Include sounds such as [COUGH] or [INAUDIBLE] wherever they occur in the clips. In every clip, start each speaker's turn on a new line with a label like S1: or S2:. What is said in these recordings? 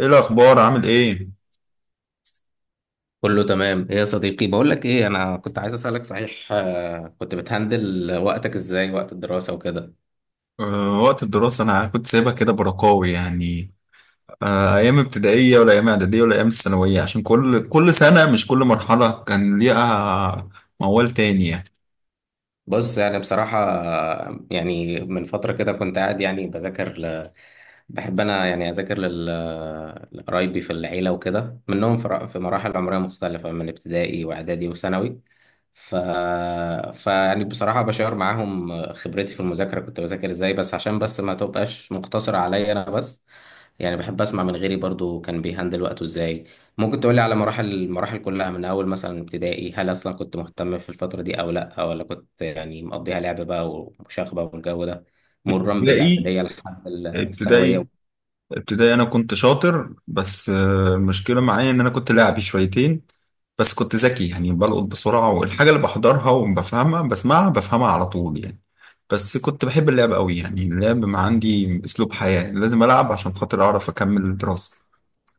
S1: ايه الاخبار؟ عامل ايه؟
S2: كله تمام، ايه يا صديقي؟ بقول لك ايه، انا كنت عايز اسالك صحيح. كنت بتهندل وقتك ازاي وقت الدراسه وكده؟
S1: أه، وقت الدراسه انا كنت سايبها كده برقاوي يعني. أه، ايام ابتدائيه ولا ايام اعداديه ولا ايام الثانويه؟ عشان كل سنه، مش كل مرحله كان ليها موال تاني يعني.
S2: بص، يعني بصراحة يعني من فترة كده كنت قاعد يعني بحب أنا يعني أذاكر لقرايبي في العيلة وكده، منهم في مراحل عمرية مختلفة من ابتدائي وإعدادي وثانوي. ف... فيعني بصراحة بشار معاهم خبرتي في المذاكرة، كنت بذاكر إزاي، بس عشان بس ما تبقاش مقتصرة عليا أنا بس. يعني بحب أسمع من غيري برضو كان بيهندل وقته إزاي. ممكن تقولي على المراحل كلها من أول مثلا ابتدائي. هل أصلا كنت مهتم في الفترة دي أو لأ، ولا كنت يعني مقضيها لعب بقى ومشاغبة والجو ده، مرا
S1: ابتدائي
S2: بالإعدادية لحد
S1: ابتدائي
S2: الثانوية؟
S1: ابتدائي، انا كنت شاطر بس المشكله معايا ان انا كنت لاعبي شويتين. بس كنت ذكي، يعني بلقط بسرعه، والحاجه اللي بحضرها وبفهمها بسمعها بفهمها على طول يعني. بس كنت بحب اللعب قوي، يعني اللعب ما عندي اسلوب حياه، لازم العب عشان خاطر اعرف اكمل الدراسه.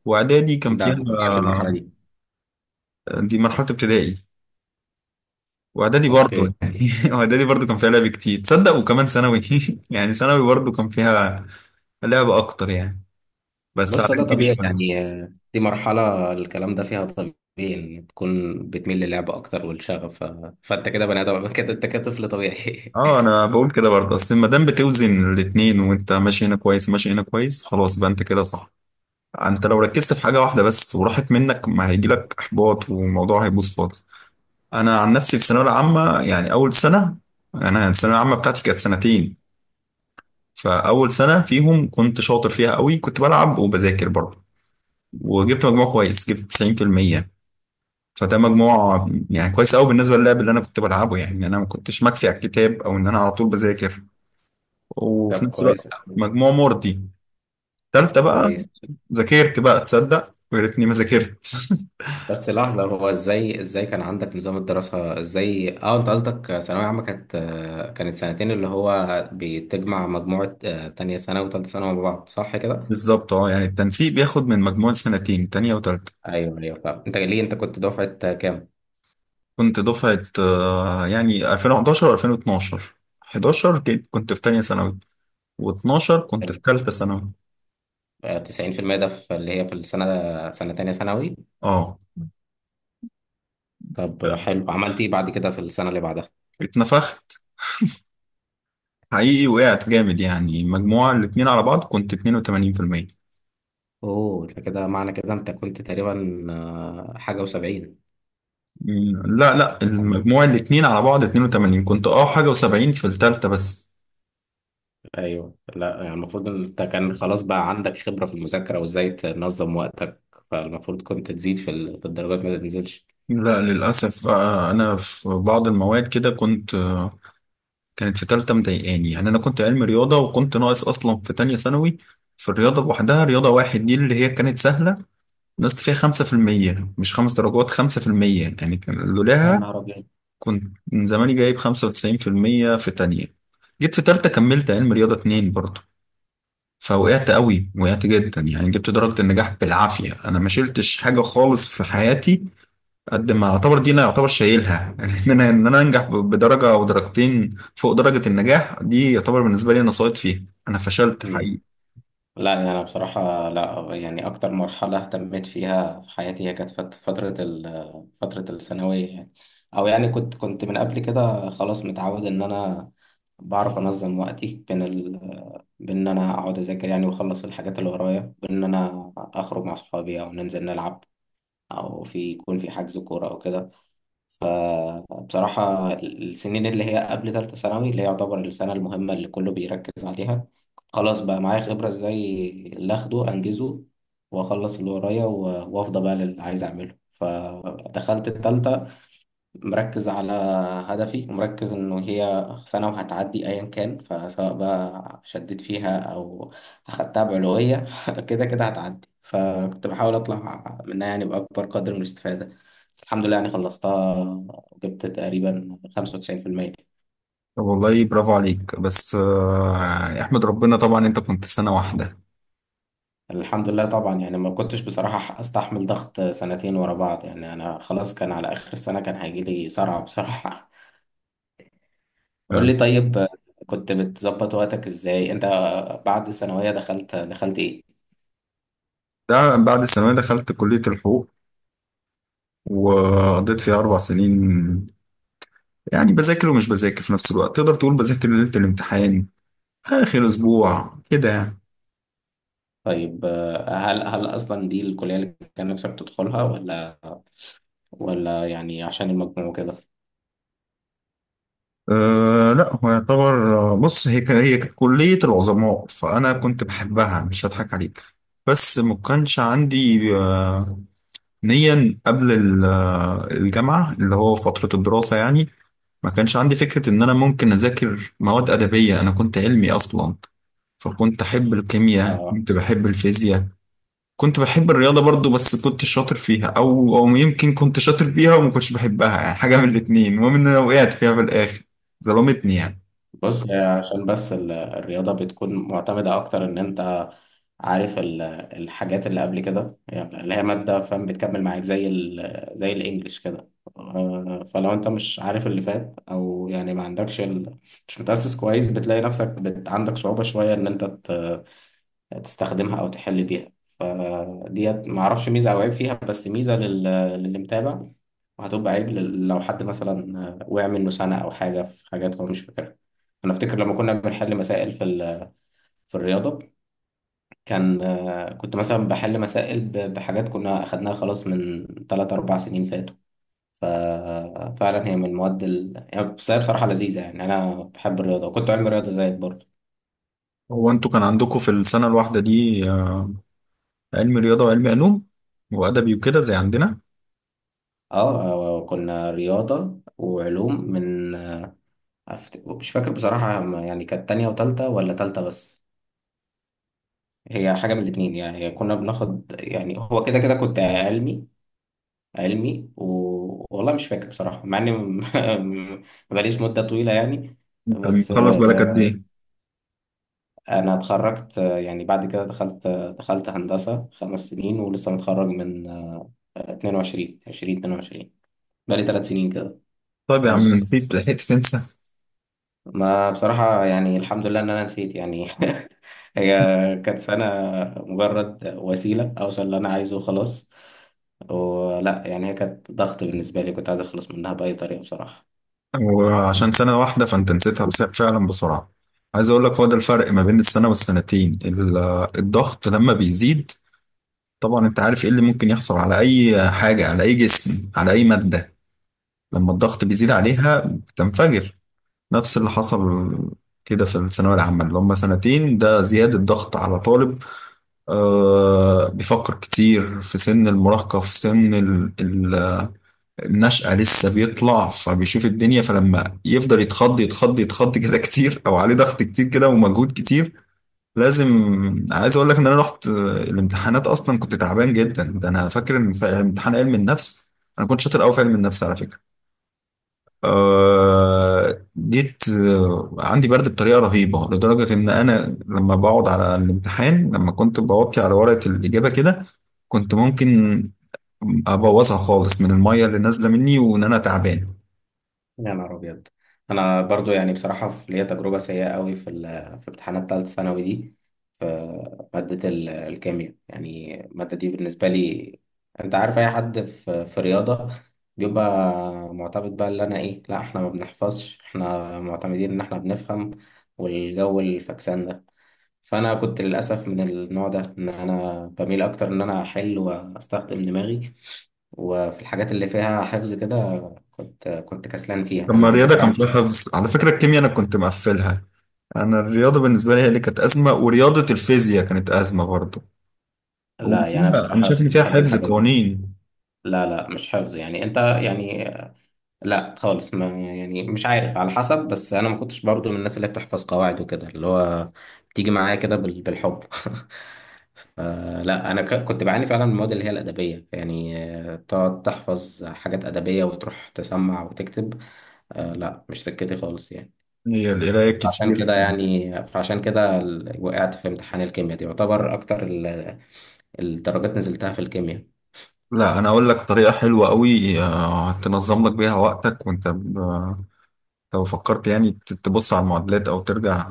S1: واعدادي كان
S2: ده
S1: فيها
S2: طبيعي في المرحلة
S1: آه،
S2: دي.
S1: دي مرحله ابتدائي. واعدادي برضه
S2: أوكي.
S1: يعني [LAUGHS] واعدادي برضه كان فيها لعب كتير، تصدق؟ وكمان ثانوي. [LAUGHS] يعني ثانوي برضه كان فيها لعب اكتر يعني، بس على
S2: بص، ده طبيعي
S1: كبير.
S2: يعني. دي مرحلة، الكلام ده فيها طبيعي، إن تكون بتميل للعب أكتر والشغف. فأنت كده بني آدم [LAUGHS] كده أنت كده طفل طبيعي
S1: اه،
S2: [LAUGHS]
S1: انا بقول كده برضه، اصل ما دام بتوزن الاتنين وانت ماشي هنا كويس ماشي هنا كويس، خلاص بقى انت كده صح. انت لو ركزت في حاجه واحده بس وراحت منك، ما هيجيلك احباط والموضوع هيبوظ خالص. انا عن نفسي في الثانويه العامه، يعني اول سنه، يعني انا الثانويه العامه بتاعتي كانت سنتين، فاول سنه فيهم كنت شاطر فيها قوي، كنت بلعب وبذاكر برضه، وجبت مجموع كويس، جبت 90%. فده مجموع يعني كويس قوي بالنسبه للعب اللي انا كنت بلعبه، يعني انا ما كنتش مكفي على الكتاب او ان انا على طول بذاكر وفي
S2: طب
S1: نفس
S2: كويس
S1: الوقت
S2: أوي.
S1: مجموع مرضي. تالتة بقى
S2: كويس.
S1: ذاكرت بقى، تصدق؟ ويا ريتني ما ذاكرت. [LAUGHS]
S2: بس لحظة، هو ازاي كان عندك نظام الدراسة؟ ازاي؟ اه انت قصدك ثانوية عامة كانت، كانت سنتين اللي هو بتجمع مجموعة تانية سنة وتالتة سنة مع بعض، صح كده؟
S1: بالظبط، اه، يعني التنسيق بياخد من مجموع السنتين، تانية وتالتة.
S2: ايوه، ايوه، فاهم. انت ليه انت كنت دفعة كام؟
S1: كنت دفعة يعني 2011 و2012. 11 كنت في تانية ثانوي، و12 كنت في
S2: حلو.
S1: تالتة ثانوي.
S2: 90% ده في اللي هي في السنة، سنة تانية ثانوي؟
S1: اه،
S2: طب حلو، عملت ايه بعد كده في السنة اللي بعدها؟
S1: اتنفخت حقيقي، وقعت جامد، يعني مجموع الاتنين على بعض كنت 82%.
S2: اوه، ده كده معنى كده انت كنت تقريبا حاجة و70 في
S1: مم، لا لا،
S2: السنة.
S1: المجموع الاتنين على بعض 82، كنت اه حاجة و70 في التالتة بس.
S2: ايوه. لا يعني المفروض إن انت كان خلاص بقى عندك خبرة في المذاكرة وازاي تنظم وقتك، فالمفروض كنت تزيد في الدرجات، ما تنزلش.
S1: لا، للأسف بقى أنا في بعض المواد كده كنت، كانت في تالتة مضايقاني يعني. أنا كنت علمي رياضة وكنت ناقص أصلا في تانية ثانوي في الرياضة لوحدها، رياضة واحد دي اللي هي كانت سهلة، نقصت فيها 5%، مش 5 درجات، 5% يعني. كان
S2: يا
S1: لولاها
S2: نهار أبيض.
S1: كنت من زماني جايب 95% في تانية. جيت في تالتة كملت علم رياضة اتنين برضه، فوقعت قوي، وقعت جدا، يعني جبت درجة النجاح بالعافية. أنا ما شلتش حاجة خالص في حياتي، قد ما اعتبر دي انا يعتبر شايلها. [LAUGHS] يعني ان انا انجح بدرجه او درجتين فوق درجه النجاح، دي يعتبر بالنسبه لي انا ساقط فيها. انا فشلت
S2: مم.
S1: حقيقي.
S2: لا يعني أنا بصراحة، لا يعني أكتر مرحلة اهتميت فيها في حياتي هي كانت فترة فترة الثانوية يعني. أو يعني كنت من قبل كده خلاص متعود إن أنا بعرف أنظم وقتي بين بين إن أنا أقعد أذاكر يعني وأخلص الحاجات اللي ورايا، بين إن أنا أخرج مع صحابي أو ننزل نلعب، او في يكون في حجز كوره او كده. فبصراحه السنين اللي هي قبل ثالثه ثانوي، اللي هي يعتبر السنه المهمه اللي كله بيركز عليها، خلاص بقى معايا خبره ازاي اللي اخده انجزه واخلص اللي ورايا وافضى بقى للي عايز اعمله. فدخلت الثالثه مركز على هدفي، ومركز إنه هي سنة وهتعدي أيا كان، فسواء بقى شديت فيها أو أخدتها بعلوية [LAUGHS] كده كده هتعدي، فكنت بحاول أطلع منها يعني بأكبر قدر من الاستفادة. بس الحمد لله يعني خلصتها وجبت تقريبا 95%.
S1: طب والله برافو عليك، بس يعني احمد ربنا طبعا انت كنت سنه واحده.
S2: الحمد لله طبعا يعني ما كنتش بصراحة أستحمل ضغط سنتين ورا بعض، يعني أنا خلاص كان على آخر السنة كان هيجيلي صرع بصراحة [LAUGHS] قول
S1: تمام.
S2: لي طيب، كنت بتظبط وقتك ازاي انت؟ بعد ثانوية دخلت إيه؟
S1: ده بعد الثانويه دخلت كليه الحقوق وقضيت فيها 4 سنين، يعني بذاكر ومش بذاكر في نفس الوقت، تقدر تقول بذاكر ليله الامتحان، اخر اسبوع كده يعني.
S2: طيب هل أصلا دي الكلية اللي كان نفسك تدخلها، ولا ولا يعني عشان المجموع وكده؟
S1: أه لا، هو يعتبر بص، هي هي كانت كلية العظماء، فأنا كنت بحبها، مش هضحك عليك. بس ما كانش عندي نيا قبل الجامعة، اللي هو فترة الدراسة يعني. ما كانش عندي فكرة إن أنا ممكن أذاكر مواد أدبية، أنا كنت علمي أصلا. فكنت أحب الكيمياء،
S2: آه.
S1: كنت بحب الفيزياء، كنت بحب الرياضة برضو، بس كنت شاطر فيها، أو يمكن كنت شاطر فيها وما كنتش بحبها، يعني حاجة من الاتنين، المهم إن أنا وقعت فيها في الآخر، ظلمتني يعني.
S2: بص، هي عشان بس الرياضة بتكون معتمدة أكتر، إن أنت عارف الحاجات اللي قبل كده، يعني اللي هي مادة، فاهم، بتكمل معاك زي زي الإنجليش كده. فلو أنت مش عارف اللي فات، أو يعني ما عندكش مش متأسس كويس، بتلاقي نفسك عندك صعوبة شوية إن أنت تستخدمها أو تحل بيها. فديت معرفش ميزة أو عيب فيها، بس ميزة للي متابع، وهتبقى عيب لو حد مثلا وقع منه سنة أو حاجة في حاجات هو مش فاكرها. أنا أفتكر لما كنا بنحل مسائل في الرياضة، كان كنت مثلا بحل مسائل بحاجات كنا أخدناها خلاص من 3 أربع سنين فاتوا. ففعلا هي من المواد يعني، بس هي بصراحة لذيذة، يعني أنا بحب الرياضة وكنت علم رياضة زيك برضه.
S1: هو انتوا كان عندكم في السنة الواحدة دي علم رياضة وعلم علوم وأدبي وكده زي عندنا؟
S2: اه كنا رياضة وعلوم من مش فاكر بصراحة، يعني كانت تانية وتالتة ولا تالتة بس، هي حاجة من الاتنين. يعني هي كنا بناخد يعني هو كده كده كنت علمي، والله مش فاكر بصراحة، مع إني [LAUGHS] مبقاليش مدة طويلة يعني.
S1: انت
S2: بس
S1: مخلص بالك قد ايه؟
S2: أنا اتخرجت، يعني بعد كده دخلت، دخلت هندسة خمس سنين، ولسه متخرج من 22 20 22، بقالي ثلاث سنين كده.
S1: طيب يا
S2: أو
S1: عم، نسيت لحقت تنسى.
S2: ما بصراحة يعني الحمد لله إن أنا نسيت يعني [LAUGHS] هي كانت سنة مجرد وسيلة أوصل اللي أنا عايزه وخلاص، ولا يعني هي كانت ضغط بالنسبة لي، كنت عايز أخلص منها بأي طريقة بصراحة.
S1: وعشان سنة واحدة فانت نسيتها بس فعلا بسرعة. عايز اقول لك، هو ده الفرق ما بين السنة والسنتين، الضغط لما بيزيد. طبعا انت عارف ايه اللي ممكن يحصل على اي حاجة، على اي جسم، على اي مادة، لما الضغط بيزيد عليها بتنفجر. نفس اللي حصل كده في الثانوية العامة اللي هم سنتين، ده زيادة ضغط على طالب بيفكر كتير، في سن المراهقة، في سن النشأة، لسه بيطلع فبيشوف الدنيا. فلما يفضل يتخض يتخض يتخض كده كتير، أو عليه ضغط كتير كده ومجهود كتير، لازم. عايز أقول لك إن أنا رحت الامتحانات أصلا كنت تعبان جدا. ده أنا فاكر إن في امتحان علم النفس، أنا كنت شاطر أوي في علم النفس على فكرة، جيت عندي برد بطريقه رهيبه، لدرجه ان انا لما بقعد على الامتحان، لما كنت بوطي على ورقه الاجابه كده، كنت ممكن ابوظها خالص من الميه اللي نازله مني وان انا تعبان.
S2: يا نهار ابيض. انا برضو يعني بصراحه في ليا تجربه سيئه قوي في امتحانات ثالثه ثانوي دي، في ماده الكيمياء. يعني الماده دي بالنسبه لي، انت عارف اي حد في رياضه بيبقى معتمد، بقى اللي انا ايه، لا احنا ما بنحفظش، احنا معتمدين ان احنا بنفهم والجو الفكسان ده. فانا كنت للاسف من النوع ده، ان انا بميل اكتر ان انا احل واستخدم دماغي، وفي الحاجات اللي فيها حفظ كده كنت كسلان فيها، يعني
S1: لما
S2: انا
S1: الرياضه
S2: الذاكره
S1: كان
S2: عندي.
S1: فيها حفظ على فكره، الكيمياء انا كنت مقفلها. انا الرياضه بالنسبه لي هي اللي كانت ازمه، ورياضه الفيزياء كانت ازمه برضه،
S2: لا يعني أنا
S1: وفيها انا
S2: بصراحه
S1: شايف ان
S2: كنت
S1: فيها
S2: بحب
S1: حفظ
S2: الحاجات دي.
S1: قوانين،
S2: لا لا مش حفظ، يعني انت يعني لا خالص، ما يعني مش عارف، على حسب، بس انا ما كنتش برضو من الناس اللي بتحفظ قواعد وكده، اللي هو بتيجي معايا كده بالحب [LAUGHS] آه لا، انا كنت بعاني فعلا من المواد اللي هي الادبيه، يعني تقعد تحفظ حاجات ادبيه وتروح تسمع وتكتب، آه لا، مش سكتي خالص يعني.
S1: هي القرايه
S2: عشان
S1: كتير.
S2: كده يعني، وقعت في امتحان الكيمياء دي، يعتبر اكتر الدرجات نزلتها في الكيمياء.
S1: لا، انا اقول لك طريقه حلوه قوي تنظم لك بيها وقتك. وانت لو فكرت يعني تبص على المعادلات او ترجع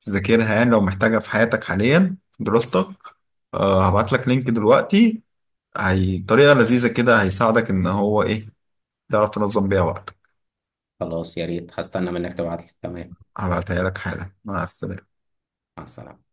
S1: تذاكرها، يعني لو محتاجها في حياتك حاليا في دراستك، هبعت لك لينك دلوقتي. هي طريقه لذيذه كده، هيساعدك ان هو ايه، تعرف تنظم بيها وقتك.
S2: خلاص، يا ريت، هستنى منك تبعت لي. تمام.
S1: هبعتها لك حالا. مع السلامه.
S2: مع السلامة.